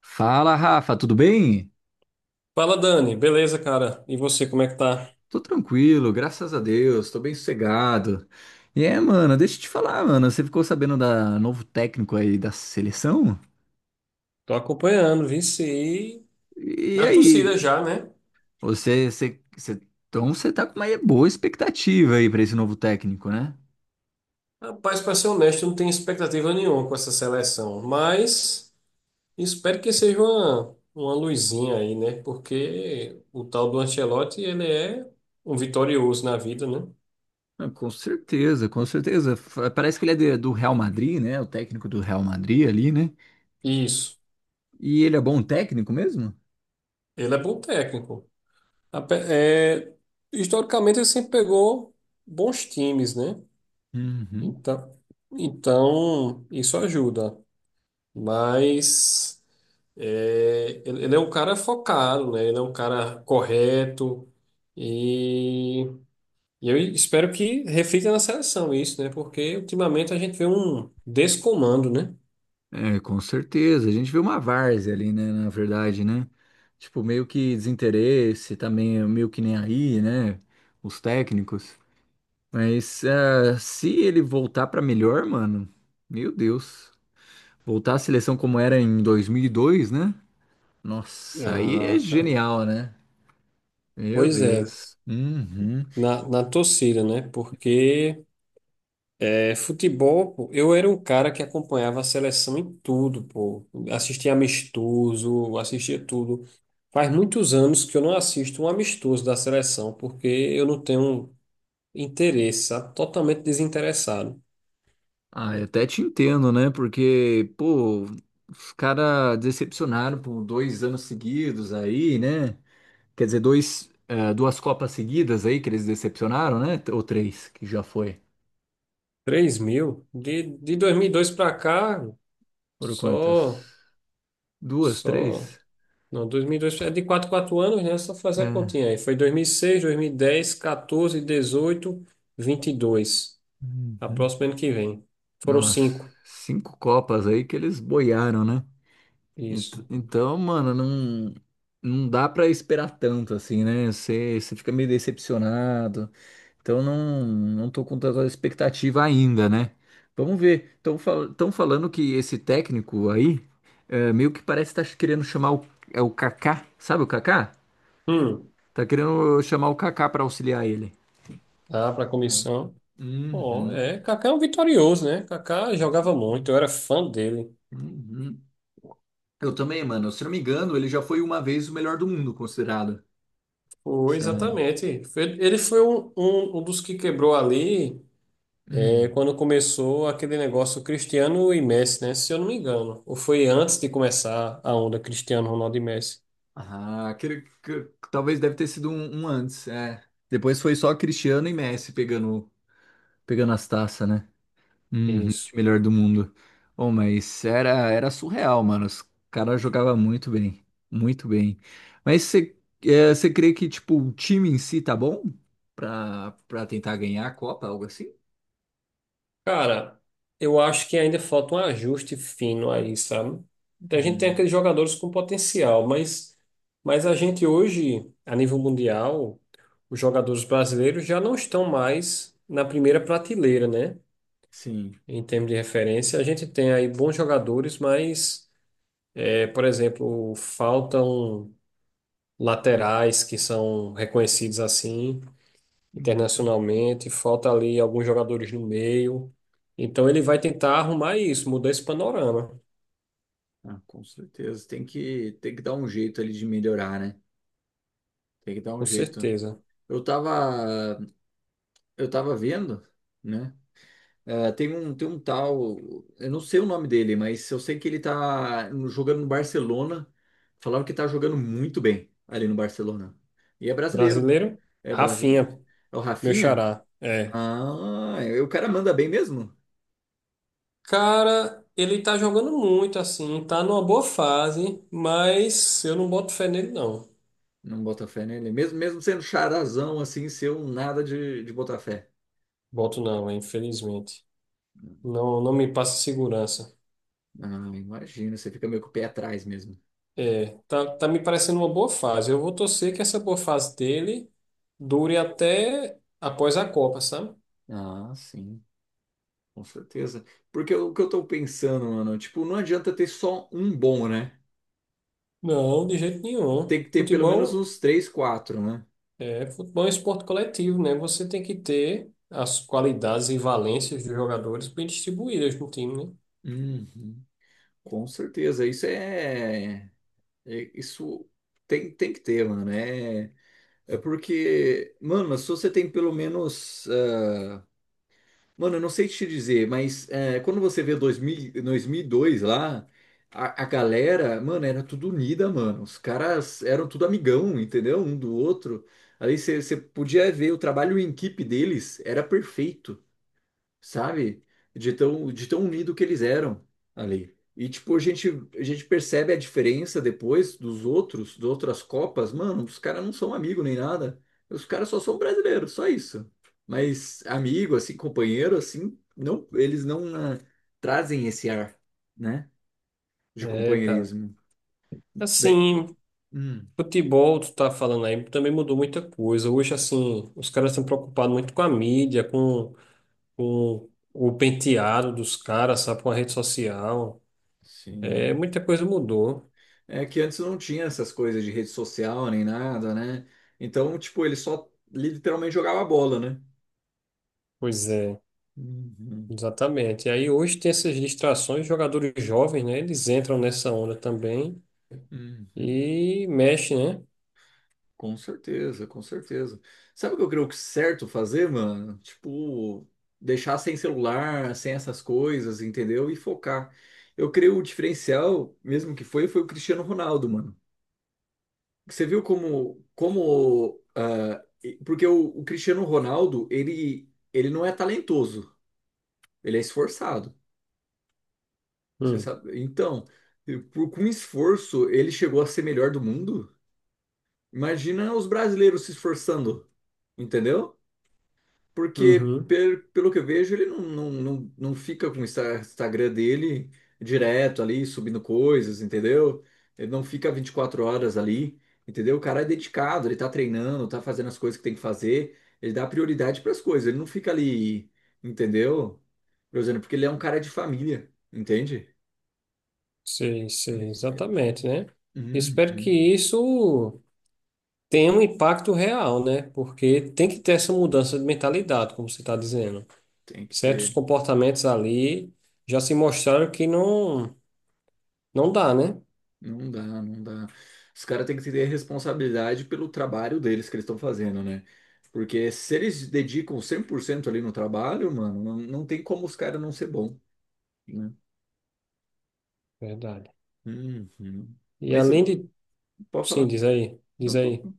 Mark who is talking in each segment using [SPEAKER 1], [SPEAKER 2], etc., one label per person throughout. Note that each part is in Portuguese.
[SPEAKER 1] Fala, Rafa, tudo bem?
[SPEAKER 2] Fala, Dani. Beleza, cara? E você, como é que tá?
[SPEAKER 1] Tô tranquilo, graças a Deus, tô bem sossegado. E é, mano, deixa eu te falar, mano, você ficou sabendo da novo técnico aí da seleção?
[SPEAKER 2] Tô acompanhando, vici.
[SPEAKER 1] E
[SPEAKER 2] Na torcida
[SPEAKER 1] aí,
[SPEAKER 2] já, né?
[SPEAKER 1] você, você, você- então você tá com uma boa expectativa aí pra esse novo técnico, né?
[SPEAKER 2] Rapaz, pra ser honesto, eu não tenho expectativa nenhuma com essa seleção. Mas espero que seja uma luzinha aí, né? Porque o tal do Ancelotti, ele é um vitorioso na vida, né?
[SPEAKER 1] Ah, com certeza, com certeza. Parece que ele é do Real Madrid, né? O técnico do Real Madrid ali, né?
[SPEAKER 2] Isso.
[SPEAKER 1] E ele é bom técnico mesmo?
[SPEAKER 2] Ele é bom técnico. É, historicamente, ele sempre pegou bons times, né?
[SPEAKER 1] Uhum.
[SPEAKER 2] Então, então isso ajuda. Mas é, ele é um cara focado, né? Ele é um cara correto e, e eu espero que reflita na seleção isso, né? Porque ultimamente a gente vê um descomando, né?
[SPEAKER 1] É, com certeza. A gente vê uma várzea ali, né? Na verdade, né? Tipo, meio que desinteresse, também é meio que nem aí, né? Os técnicos. Mas se ele voltar pra melhor, mano, meu Deus. Voltar à seleção como era em 2002, né? Nossa, aí é
[SPEAKER 2] Ah, cara.
[SPEAKER 1] genial, né? Meu
[SPEAKER 2] Pois é,
[SPEAKER 1] Deus. Uhum.
[SPEAKER 2] na torcida, né? Porque é, futebol, pô, eu era um cara que acompanhava a seleção em tudo, pô. Assistia amistoso, assistia tudo. Faz muitos anos que eu não assisto um amistoso da seleção, porque eu não tenho interessa, totalmente desinteressado.
[SPEAKER 1] Ah, eu até te entendo, né? Porque, pô, os caras decepcionaram por 2 anos seguidos aí, né? Quer dizer, duas Copas seguidas aí que eles decepcionaram, né? Ou três, que já foi.
[SPEAKER 2] Três mil? De 2002 para cá,
[SPEAKER 1] Foram quantas?
[SPEAKER 2] só,
[SPEAKER 1] Duas,
[SPEAKER 2] só.
[SPEAKER 1] três?
[SPEAKER 2] Não, 2002 é de quatro anos, né? Só fazer a
[SPEAKER 1] É.
[SPEAKER 2] continha aí. Foi dois mil seis, 2010, 2006, 18, 22. A
[SPEAKER 1] Uhum.
[SPEAKER 2] próxima ano que vem. Foram
[SPEAKER 1] Nossa,
[SPEAKER 2] cinco.
[SPEAKER 1] cinco Copas aí que eles boiaram, né?
[SPEAKER 2] Isso.
[SPEAKER 1] Então, mano, não, não dá pra esperar tanto assim, né? Você fica meio decepcionado. Então não, não tô com tanta expectativa ainda, né? Vamos ver. Estão falando que esse técnico aí é, meio que parece estar querendo chamar o, é o Kaká, sabe o Kaká?
[SPEAKER 2] Hum,
[SPEAKER 1] Tá querendo chamar o Kaká para auxiliar ele.
[SPEAKER 2] dá para comissão. Ó,
[SPEAKER 1] Uhum.
[SPEAKER 2] é, Kaká é um vitorioso, né? Kaká jogava muito, eu era fã dele.
[SPEAKER 1] Uhum. Eu também, mano. Se eu não me engano, ele já foi uma vez o melhor do mundo, considerado.
[SPEAKER 2] Foi,
[SPEAKER 1] Sabe?
[SPEAKER 2] exatamente. Ele foi um, um dos que quebrou ali. Foi
[SPEAKER 1] Hum.
[SPEAKER 2] quando começou aquele negócio Cristiano e Messi, né? Se eu não me engano. Ou foi antes de começar a onda Cristiano, Ronaldo e Messi?
[SPEAKER 1] Ah, aquele que talvez deve ter sido um antes, é. Depois foi só Cristiano e Messi pegando, as taças, né? Uhum,
[SPEAKER 2] Isso.
[SPEAKER 1] de melhor do mundo. Oh, mas era surreal, mano. Os caras jogavam muito bem. Muito bem. Mas você crê que, tipo, o time em si tá bom pra tentar ganhar a Copa, algo assim?
[SPEAKER 2] Cara, eu acho que ainda falta um ajuste fino aí, sabe? A gente tem
[SPEAKER 1] Hum,
[SPEAKER 2] aqueles jogadores com potencial, mas a gente hoje, a nível mundial, os jogadores brasileiros já não estão mais na primeira prateleira, né?
[SPEAKER 1] sim,
[SPEAKER 2] Em termos de referência, a gente tem aí bons jogadores, mas, é, por exemplo, faltam laterais que são reconhecidos assim
[SPEAKER 1] hum,
[SPEAKER 2] internacionalmente, falta ali alguns jogadores no meio. Então ele vai tentar arrumar isso, mudar esse panorama,
[SPEAKER 1] ah, com certeza. Tem que dar um jeito ali de melhorar, né? Tem que dar um
[SPEAKER 2] com
[SPEAKER 1] jeito.
[SPEAKER 2] certeza.
[SPEAKER 1] Eu tava, eu tava vendo, né? É, tem um tal, eu não sei o nome dele, mas eu sei que ele tá jogando no Barcelona. Falaram que tá jogando muito bem ali no Barcelona. E é brasileiro.
[SPEAKER 2] Brasileiro?
[SPEAKER 1] É brasileiro.
[SPEAKER 2] Rafinha,
[SPEAKER 1] É o
[SPEAKER 2] meu
[SPEAKER 1] Rafinha?
[SPEAKER 2] xará. É.
[SPEAKER 1] Ah, e o cara manda bem mesmo?
[SPEAKER 2] Cara, ele tá jogando muito assim, tá numa boa fase, mas eu não boto fé nele não.
[SPEAKER 1] Não bota fé nele. Mesmo, mesmo sendo charazão assim, ser um nada de botar fé.
[SPEAKER 2] Boto não, é, infelizmente. Não me passa segurança.
[SPEAKER 1] Ah, imagina, você fica meio com o pé atrás mesmo.
[SPEAKER 2] É, tá me parecendo uma boa fase. Eu vou torcer que essa boa fase dele dure até após a Copa, sabe?
[SPEAKER 1] Ah, sim, com certeza. Porque o que eu tô pensando, mano, tipo, não adianta ter só um bom, né?
[SPEAKER 2] Não, de jeito nenhum.
[SPEAKER 1] Tem que ter pelo menos
[SPEAKER 2] Futebol
[SPEAKER 1] uns três, quatro, né?
[SPEAKER 2] É, futebol é um esporte coletivo, né? Você tem que ter as qualidades e valências dos jogadores bem distribuídas no time, né?
[SPEAKER 1] Uhum. Com certeza, isso tem que ter, mano. É, porque, mano, se você tem pelo menos, mano, eu não sei te dizer, mas quando você vê dois mil e dois lá, a galera, mano, era tudo unida, mano. Os caras eram tudo amigão, entendeu? Um do outro. Aí você podia ver o trabalho em equipe deles, era perfeito. Sabe? De tão unido que eles eram ali. E, tipo, a gente percebe a diferença depois das outras Copas. Mano, os caras não são amigos nem nada. Os caras só são brasileiros, só isso. Mas amigo, assim, companheiro, assim, não, eles não trazem esse ar, né? De
[SPEAKER 2] É, cara.
[SPEAKER 1] companheirismo. Daí-
[SPEAKER 2] Assim,
[SPEAKER 1] hum,
[SPEAKER 2] futebol, tu tá falando aí, também mudou muita coisa. Hoje, assim, os caras estão preocupados muito com a mídia, com o penteado dos caras, sabe? Com a rede social. É,
[SPEAKER 1] sim.
[SPEAKER 2] muita coisa mudou.
[SPEAKER 1] É que antes não tinha essas coisas de rede social nem nada, né? Então, tipo, ele só literalmente jogava bola, né?
[SPEAKER 2] Pois é,
[SPEAKER 1] Uhum,
[SPEAKER 2] exatamente. E aí hoje tem essas distrações, jogadores jovens, né? Eles entram nessa onda também
[SPEAKER 1] uhum.
[SPEAKER 2] e mexem, né?
[SPEAKER 1] Com certeza, com certeza. Sabe o que eu creio que é certo fazer, mano? Tipo, deixar sem celular, sem essas coisas, entendeu? E focar. Eu creio o diferencial, mesmo que foi o Cristiano Ronaldo, mano. Você viu porque o Cristiano Ronaldo, ele não é talentoso, ele é esforçado. Você
[SPEAKER 2] Hum,
[SPEAKER 1] sabe? Então, com esforço, ele chegou a ser melhor do mundo. Imagina os brasileiros se esforçando. Entendeu? Porque,
[SPEAKER 2] uhum.
[SPEAKER 1] pelo que eu vejo, ele não fica com o Instagram dele direto ali, subindo coisas, entendeu? Ele não fica 24 horas ali, entendeu? O cara é dedicado, ele tá treinando, tá fazendo as coisas que tem que fazer, ele dá prioridade pras coisas, ele não fica ali, entendeu? Por exemplo, porque ele é um cara de família, entende?
[SPEAKER 2] Sei, sei,
[SPEAKER 1] Ele- ele-
[SPEAKER 2] exatamente, né? Espero que
[SPEAKER 1] Uhum,
[SPEAKER 2] isso tenha um impacto real, né? Porque tem que ter essa mudança de mentalidade, como você está dizendo.
[SPEAKER 1] tem que
[SPEAKER 2] Certos
[SPEAKER 1] ter.
[SPEAKER 2] comportamentos ali já se mostraram que não dá, né?
[SPEAKER 1] Não dá, não dá. Os caras têm que ter responsabilidade pelo trabalho deles que eles estão fazendo, né? Porque se eles dedicam 100% ali no trabalho, mano, não, não tem como os caras não ser bom, né?
[SPEAKER 2] Verdade.
[SPEAKER 1] Uhum.
[SPEAKER 2] E
[SPEAKER 1] Mas
[SPEAKER 2] além
[SPEAKER 1] eu,
[SPEAKER 2] de...
[SPEAKER 1] pode
[SPEAKER 2] Sim,
[SPEAKER 1] falar.
[SPEAKER 2] diz aí, diz
[SPEAKER 1] Não, pode
[SPEAKER 2] aí.
[SPEAKER 1] falar.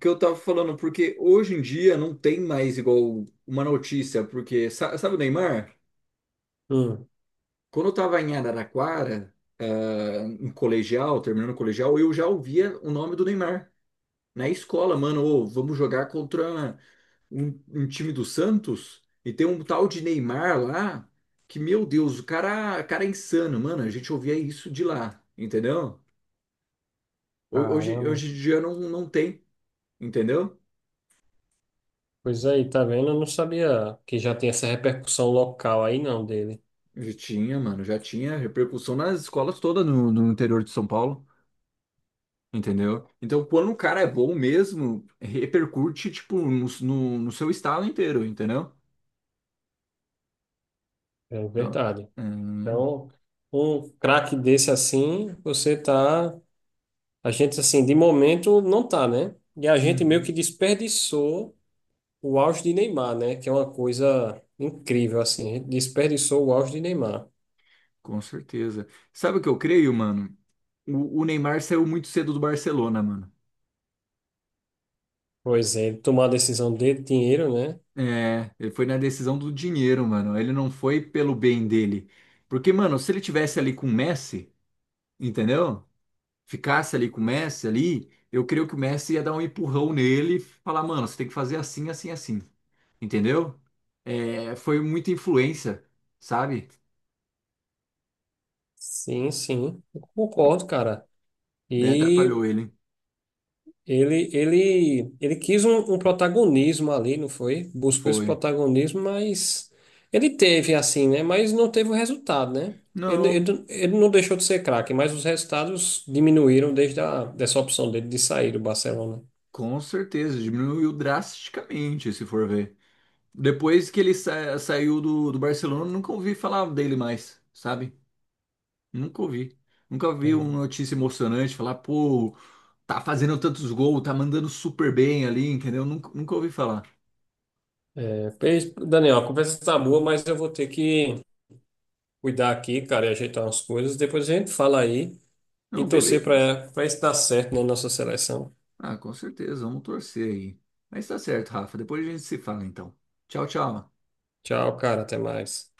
[SPEAKER 1] Que eu tava falando, porque hoje em dia não tem mais igual uma notícia, porque sabe o Neymar?
[SPEAKER 2] Hum.
[SPEAKER 1] Quando eu tava em Araraquara, em colegial, terminando o colegial, eu já ouvia o nome do Neymar. Na escola, mano, ô, vamos jogar contra, um time do Santos e tem um tal de Neymar lá que, meu Deus, o cara é insano, mano. A gente ouvia isso de lá, entendeu? Ho- Hoje,
[SPEAKER 2] Caramba.
[SPEAKER 1] hoje em dia não, não tem, entendeu?
[SPEAKER 2] Pois aí, tá vendo? Eu não sabia que já tem essa repercussão local aí, não, dele.
[SPEAKER 1] Já tinha, mano, já tinha repercussão nas escolas todas no interior de São Paulo, entendeu? Então, quando o cara é bom mesmo, repercute, tipo, no seu estado inteiro, entendeu?
[SPEAKER 2] É
[SPEAKER 1] Então,
[SPEAKER 2] verdade.
[SPEAKER 1] é,
[SPEAKER 2] Então, um craque desse assim, você tá. A gente, assim, de momento não tá, né? E a gente meio
[SPEAKER 1] uhum,
[SPEAKER 2] que desperdiçou o auge de Neymar, né? Que é uma coisa incrível, assim. A gente desperdiçou o auge de Neymar.
[SPEAKER 1] com certeza. Sabe o que eu creio, mano? O Neymar saiu muito cedo do Barcelona, mano.
[SPEAKER 2] Pois é, ele tomou a decisão dele, dinheiro, né?
[SPEAKER 1] É, ele foi na decisão do dinheiro, mano. Ele não foi pelo bem dele. Porque, mano, se ele tivesse ali com o Messi, entendeu? Ficasse ali com o Messi ali, eu creio que o Messi ia dar um empurrão nele e falar, mano, você tem que fazer assim, assim, assim. Entendeu? É, foi muita influência, sabe?
[SPEAKER 2] Sim, sim. Eu concordo, cara.
[SPEAKER 1] Daí
[SPEAKER 2] E.
[SPEAKER 1] atrapalhou ele.
[SPEAKER 2] Ele quis um, um protagonismo ali, não foi? Buscou esse
[SPEAKER 1] Foi.
[SPEAKER 2] protagonismo, mas ele teve assim, né? Mas não teve o resultado, né? Ele,
[SPEAKER 1] Não,
[SPEAKER 2] ele, ele não deixou de ser craque, mas os resultados diminuíram desde a, dessa opção dele de sair do Barcelona.
[SPEAKER 1] com certeza, diminuiu drasticamente, se for ver. Depois que ele saiu do Barcelona, eu nunca ouvi falar dele mais, sabe? Nunca ouvi. Nunca vi uma notícia emocionante falar, pô, tá fazendo tantos gols, tá mandando super bem ali, entendeu? Nunca ouvi falar.
[SPEAKER 2] É, pois, Daniel, a conversa tá boa, mas eu vou ter que cuidar aqui, cara, e ajeitar umas coisas. Depois a gente fala aí e
[SPEAKER 1] Não,
[SPEAKER 2] torcer
[SPEAKER 1] beleza.
[SPEAKER 2] para isso dar certo na nossa seleção.
[SPEAKER 1] Ah, com certeza, vamos torcer aí. Mas tá certo, Rafa. Depois a gente se fala então. Tchau, tchau.
[SPEAKER 2] Tchau, cara, até mais.